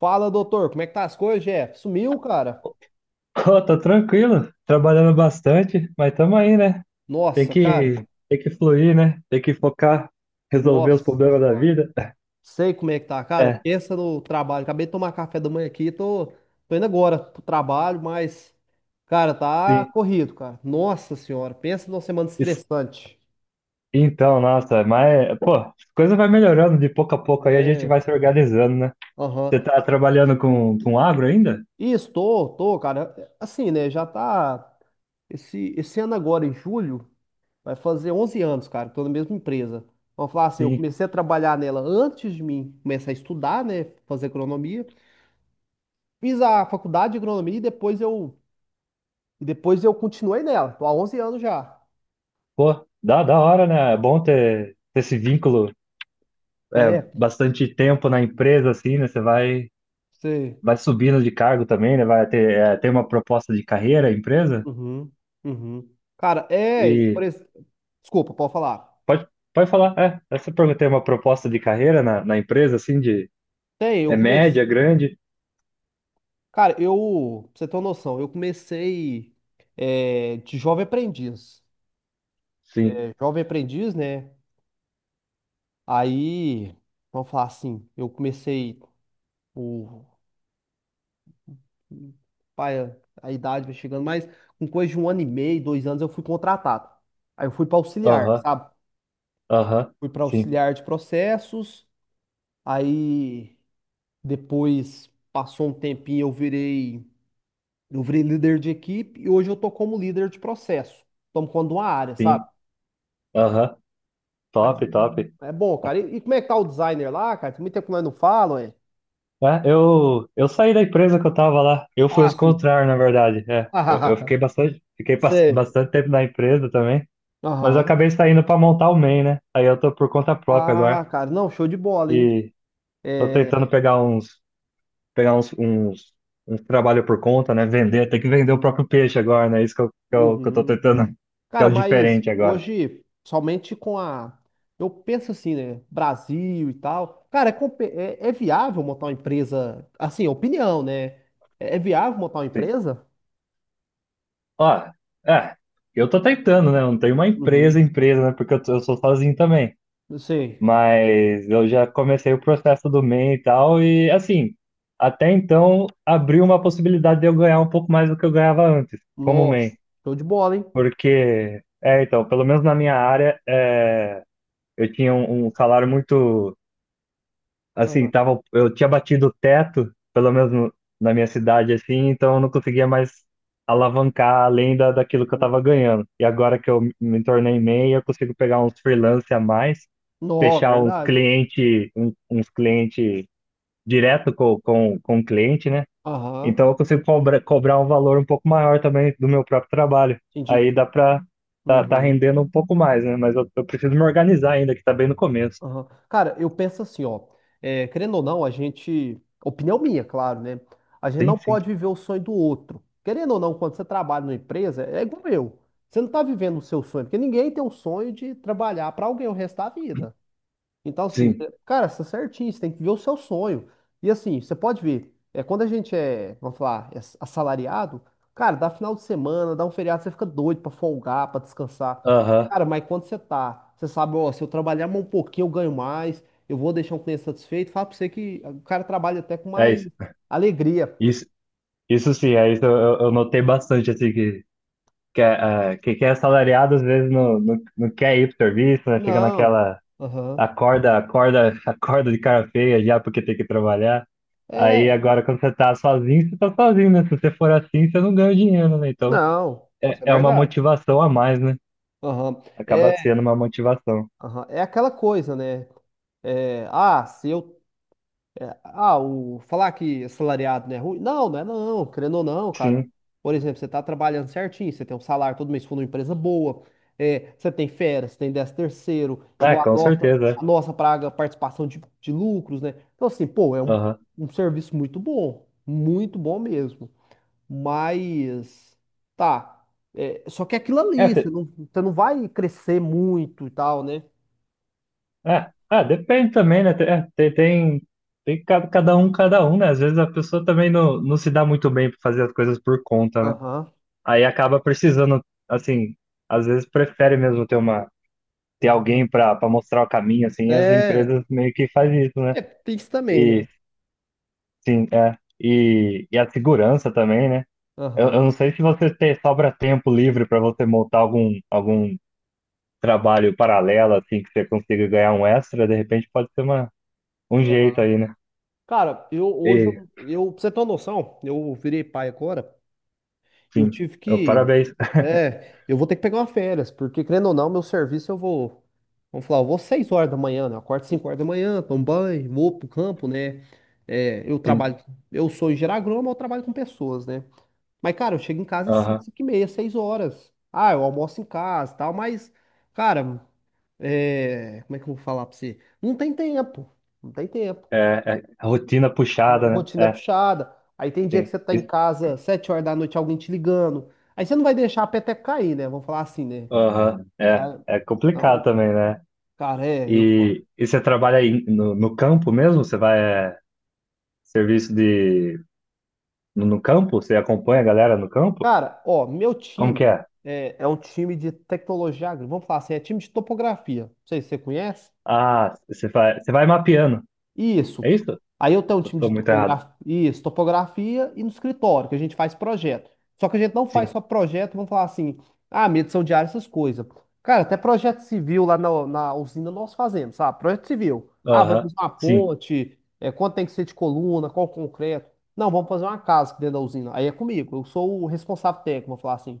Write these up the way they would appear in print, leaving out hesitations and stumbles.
Fala, doutor, como é que tá as coisas, Jeff? Sumiu, cara? Pô, tô tranquilo, trabalhando bastante, mas tamo aí, né? Tem Nossa, que, cara. tem que fluir, né? Tem que focar, resolver os Nossa problemas da senhora. vida. Sei como é que tá, cara. É, Pensa no trabalho. Acabei de tomar café da manhã aqui, tô indo agora pro trabalho, mas, cara, tá sim. corrido, cara. Nossa senhora, pensa numa semana Isso- estressante. Então, nossa, mas, pô, as coisas vai melhorando de pouco a pouco aí, a gente É. vai se organizando, né? Você Aham. tá trabalhando com agro ainda? E tô, cara, assim, né? Já tá. Esse ano agora, em julho. Vai fazer 11 anos, cara, que tô na mesma empresa. Vamos falar assim, eu Sim. comecei a trabalhar nela antes de mim começar a estudar, né, fazer agronomia. Fiz a faculdade de agronomia e depois eu continuei nela. Tô há 11 anos já. Pô, da hora, né? É bom ter esse vínculo, é, É, bastante tempo na empresa, assim, né? Sei. Vai subindo de cargo também, né? Vai ter, é, tem uma proposta de carreira, a empresa. Uhum, uhum. Cara, desculpa, pode falar. Pode, pode falar. É, essa pergunta tem uma proposta de carreira na empresa, assim, de Tem, eu é comecei, média, grande? cara, eu, pra você ter uma noção, eu comecei de jovem aprendiz. Sim. É, jovem aprendiz, né, aí, vamos falar assim, eu comecei O, pai, a idade vai chegando, mas com coisa de um ano e meio, 2 anos, eu fui contratado. Aí eu fui para auxiliar, Aham, sabe? aham, Fui para sim, auxiliar de processos. Aí depois passou um tempinho, eu virei líder de equipe e hoje eu tô como líder de processo. Tomo conta de uma área, sim, sabe? aham. Mas Top, top. é bom, cara. E como é que tá o designer lá, cara? Tem muito tempo que nós não falamos, é? É, eu saí da empresa que eu tava lá. Eu fui Ah, os sim. contrários, na verdade. É, eu Ah, fiquei sei. bastante tempo na empresa também, mas eu Aham. acabei saindo para montar o MEI, né? Aí eu tô por conta própria agora Ah, cara, não, show de bola, hein? e tô tentando É, pegar uns, uns, uns trabalho por conta, né? Vender, tem que vender o próprio peixe agora, né? Isso que eu tô uhum. tentando, que é Cara, o mas diferente agora. hoje, somente com a. Eu penso assim, né? Brasil e tal. Cara, é viável montar uma empresa. Assim, opinião, né? É viável montar uma Sim. empresa? Ó, é, eu tô tentando, né? Eu não tenho uma Uhum. empresa, né? Porque eu sou sozinho também. Não sei. Mas eu já comecei o processo do MEI e M e tal, e assim, até então abriu uma possibilidade de eu ganhar um pouco mais do que eu ganhava antes, como Nossa, MEI. show de bola, hein? Porque, é, então, pelo menos na minha área, é, eu tinha um salário muito assim, Ah, tava, eu tinha batido o teto, pelo menos na minha cidade, assim, então eu não conseguia mais alavancar além daquilo que eu uhum. tava ganhando. E agora que eu me tornei MEI, eu consigo pegar uns freelance a mais, Nossa, é fechar uns verdade. Cliente direto com o cliente, né? Aham, Então eu consigo cobrar um valor um pouco maior também do meu próprio trabalho. Aí entendi. dá pra tá Uhum. rendendo um pouco mais, né? Mas eu preciso me organizar ainda, que tá bem no começo. Aham. Cara, eu penso assim, ó. Querendo ou não, a gente. Opinião minha, claro, né? A gente Sim, não sim. pode viver o sonho do outro. Querendo ou não, quando você trabalha numa empresa, é igual eu. Você não tá vivendo o seu sonho, porque ninguém tem o sonho de trabalhar pra alguém o resto da vida. Então, assim, Sim. Cara, você é certinho, você tem que ver o seu sonho. E assim, você pode ver, quando a gente é, vamos falar, assalariado, cara, dá final de semana, dá um feriado, você fica doido pra folgar, pra descansar. Aham. Cara, mas quando você tá, você sabe, ó, se eu trabalhar mais um pouquinho, eu ganho mais, eu vou deixar um cliente satisfeito, fala pra você que o cara trabalha até com É mais isso. alegria. Isso, isso sim, é isso eu eu notei bastante, assim, é, ah, que é assalariado às vezes não quer ir pro serviço, né? Fica Não, naquela aham, acorda de cara feia já porque tem que trabalhar. Aí é, agora quando você tá sozinho, né? Se você for assim, você não ganha dinheiro, né? Então não, é, isso é é uma verdade. motivação a mais, né? Aham, Acaba é, sendo uma motivação. aham, é aquela coisa, né? É, ah, se eu É, ah, o, falar que assalariado não é ruim? Não, não é não, querendo ou não, cara. Sim, Por exemplo, você tá trabalhando certinho, você tem um salário todo mês com uma empresa boa, você tem férias, você tem décimo terceiro, é, igual a com nossa, certeza. É. a nossa praga, participação de lucros, né? Então, assim, pô, é um, Aham. um serviço muito bom mesmo. Mas, tá, só que é aquilo É, ali, você te- não, você não vai crescer muito e tal, né? É, ah, depende também, né? Tem, é, cada um, né? Às vezes a pessoa também não se dá muito bem para fazer as coisas por conta, né? Aham. Aí acaba precisando, assim, às vezes prefere mesmo ter uma, ter alguém para mostrar o caminho, assim, e as É, empresas meio que fazem isso, né? é, tem isso também, né? E sim, é. E a segurança também, né? Eu não Aham. sei se você tem, sobra tempo livre para você montar algum trabalho paralelo, assim, que você consiga ganhar um extra, de repente pode ser uma, um jeito Aham. aí, né? Cara, eu hoje, pra você ter uma noção, eu virei pai agora e eu Sim. tive Eu, que. parabéns. É, eu vou ter que pegar uma férias, porque querendo ou não, meu serviço eu vou. Vamos falar, eu vou 6 horas da manhã, né? Eu acordo 5 horas da manhã, tomo banho, vou pro campo, né? É, eu Sim. trabalho. Eu sou engenheiro agrônomo, eu trabalho com pessoas, né? Mas, cara, eu chego em casa às 5, Aham. 5 e meia, 6 horas. Ah, eu almoço em casa e tal, mas, cara, como é que eu vou falar pra você? Não tem tempo. Não tem tempo, É, é rotina a puxada, né? rotina é É, puxada. Aí tem dia que sim. você tá em Isso- casa, 7 horas da noite, alguém te ligando. Aí você não vai deixar a peteca cair, né? Vamos falar assim, né? Aham. É, Ah, é complicado então, também, né? cara, eu falo. E você trabalha aí no campo mesmo? Você vai é, serviço de no campo? Você acompanha a galera no campo? Cara, ó, meu Como que time é? é um time de tecnologia agrícola. Vamos falar assim, é time de topografia. Não sei se você conhece. Ah, você vai mapeando. Isso. É isso? Aí eu tenho um Eu time tô de muito errado. topografia, isso, topografia e no escritório, que a gente faz projeto. Só que a gente não faz Sim. só projeto, vamos falar assim, medição de área, essas coisas. Cara, até projeto civil lá na usina nós fazemos, sabe? Projeto civil. Ah, vai Aham. fazer uma Sim. ponte, quanto tem que ser de coluna, qual concreto. Não, vamos fazer uma casa aqui dentro da usina. Aí é comigo, eu sou o responsável técnico, vamos falar assim.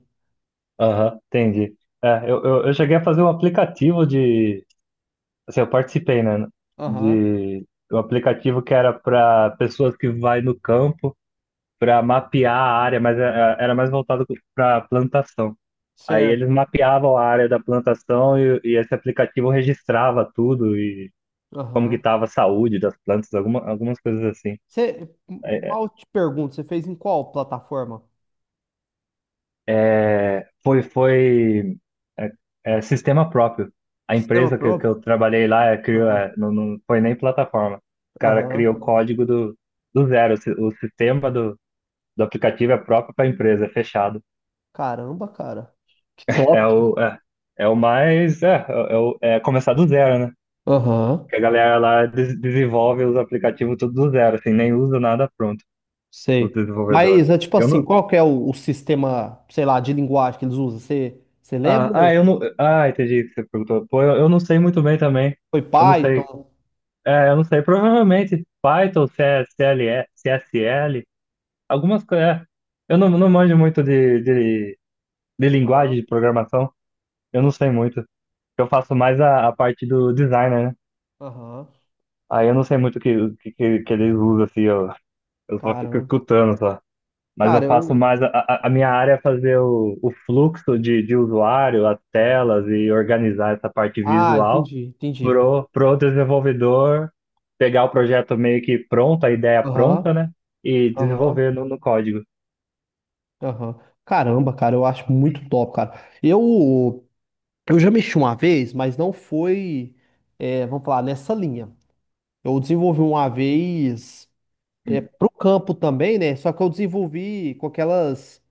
Aham. Entendi. É, eu cheguei a fazer um aplicativo de assim, eu participei, né, Aham, de um aplicativo que era para pessoas que vai no campo para mapear a área, mas era mais voltado para plantação. Aí eles certo. mapeavam a área da plantação e esse aplicativo registrava tudo e como que Aham. estava a saúde das plantas, alguma, algumas coisas assim. Mal te pergunto, você fez em qual plataforma? É, foi é, é sistema próprio. A Sistema empresa que próprio? eu trabalhei lá é, criou, é, não foi nem plataforma. O cara Aham. criou o código do zero. O sistema do aplicativo é próprio para a empresa, é fechado. Caramba, cara. Que É top. o, é, é o mais. É, é, é começar do zero, né? Aham. Que a galera lá desenvolve os aplicativos tudo do zero, assim, nem usa nada pronto, o Sei. desenvolvedor. Mas é tipo Eu assim, não. qual que é o sistema, sei lá, de linguagem que eles usam? Você lembra? Eu não. Ah, entendi o que você perguntou. Pô, eu não sei muito bem também. Foi Eu não sei Python? É, eu não sei, provavelmente Python, C, CLE, C, S, L, algumas coisas. É. Eu não, não manjo muito de linguagem Aham. de programação, eu não sei muito. Eu faço mais a parte do designer, né? Aham. Aí eu não sei muito que eles usam, assim, eu só fico Caramba. escutando só. Mas eu Cara, faço eu. mais. A minha área é fazer o fluxo de usuário, as telas e organizar essa parte Ah, visual. entendi, entendi. Pro pro desenvolvedor pegar o projeto meio que pronto, a ideia Aham. pronta, né? E Aham. desenvolver no código. Aham. Caramba, cara, eu acho muito top, cara. Eu, eu já mexi uma vez, mas não foi, vamos falar, nessa linha. Eu desenvolvi uma vez. É, Hum. pro campo também, né? Só que eu desenvolvi com aquelas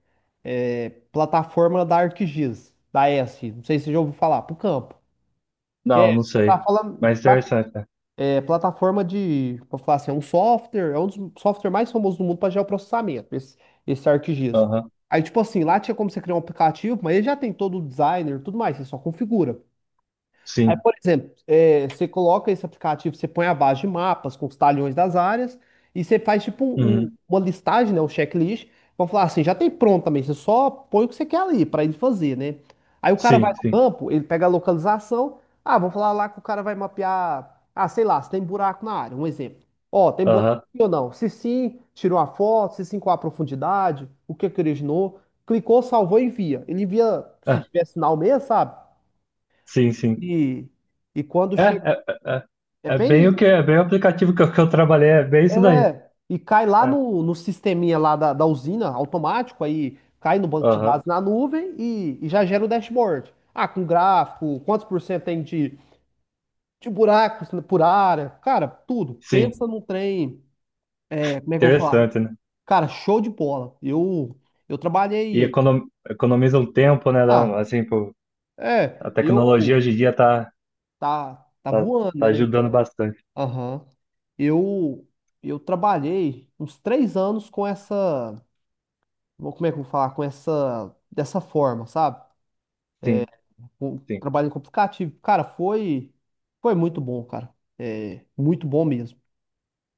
plataforma da ArcGIS, da ESC. Não sei se você já ouviu falar, pro campo. Que Não, é, não sei. plataforma Mas interessante, né? De, vou falar assim, é um software, é um dos software mais famosos do mundo para geoprocessamento, esse ArcGIS. Aham. Aí, tipo assim, lá tinha como você criar um aplicativo, mas ele já tem todo o designer e tudo mais, você só configura. Aí, Sim. por exemplo, você coloca esse aplicativo, você põe a base de mapas com os talhões das áreas e você faz tipo um- um- Uhum. uma listagem, né, um checklist. Vão falar assim, já tem pronto também, você só põe o que você quer ali para ele fazer, né? Aí o cara vai Sim, no sim. campo, ele pega a localização. Ah, vamos falar lá que o cara vai mapear. Ah, sei lá, se tem buraco na área, um exemplo. Ó, tem buraco Aham. aqui ou não? Se sim, tirou a foto, se sim, qual a profundidade, o que é que originou. Clicou, salvou e envia. Ele envia, se Ah, tiver sinal mesmo, sabe? sim, sim. E, e quando chega. É É É bem o que, bem. é bem o aplicativo que eu trabalhei, é bem isso daí. É. E cai lá É. no sisteminha lá da usina, automático, aí cai no banco de Aham. dados na nuvem e já gera o dashboard. Ah, com gráfico, quantos por cento tem de buracos por área. Cara, tudo. Sim. Pensa num trem. É, como é que eu vou falar? Interessante, né? Cara, show de bola. Eu E trabalhei. Economiza um tempo, né? Dá um- Ah, assim, pô, a é. tecnologia hoje Eu. em dia tá, Tá voando, tá né? ajudando bastante. Aham. Eu, eu trabalhei uns 3 anos com essa. Como é que eu vou falar? Com essa. Dessa forma, sabe? Sim, sim. Trabalhando com aplicativo. Cara, foi. Foi muito bom, cara. É, muito bom mesmo.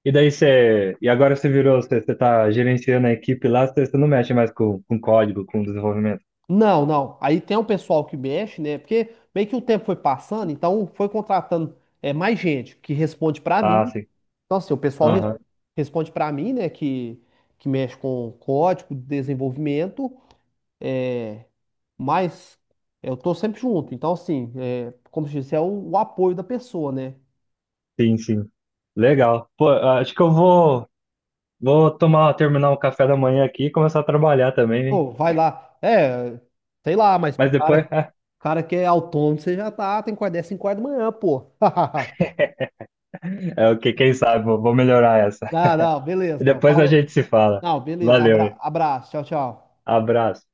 E daí você. E agora você virou, você tá gerenciando a equipe lá, você não mexe mais com código, com desenvolvimento. Não, não. Aí tem um pessoal que mexe, né? Porque meio que o tempo foi passando, então foi contratando mais gente que responde pra Ah, mim. sim. Então, assim, o pessoal res- Aham. responde pra mim, né? Que mexe com código, desenvolvimento. É, Mas eu tô sempre junto. Então, assim, como se disse, é o apoio da pessoa, né? Sim, sim. Legal. Pô, acho que vou tomar, terminar o café da manhã aqui e começar a trabalhar também, hein? Pô, vai lá. É, sei lá, mas Mas depois, cara que é autônomo, você já tá, tem que acordar 5 horas da manhã, pô. é o que, quem sabe, vou melhorar essa. Não, não, beleza. E Então, depois a falou. gente se fala. Não, beleza. Valeu, hein? Abraço. Tchau, tchau. Abraço.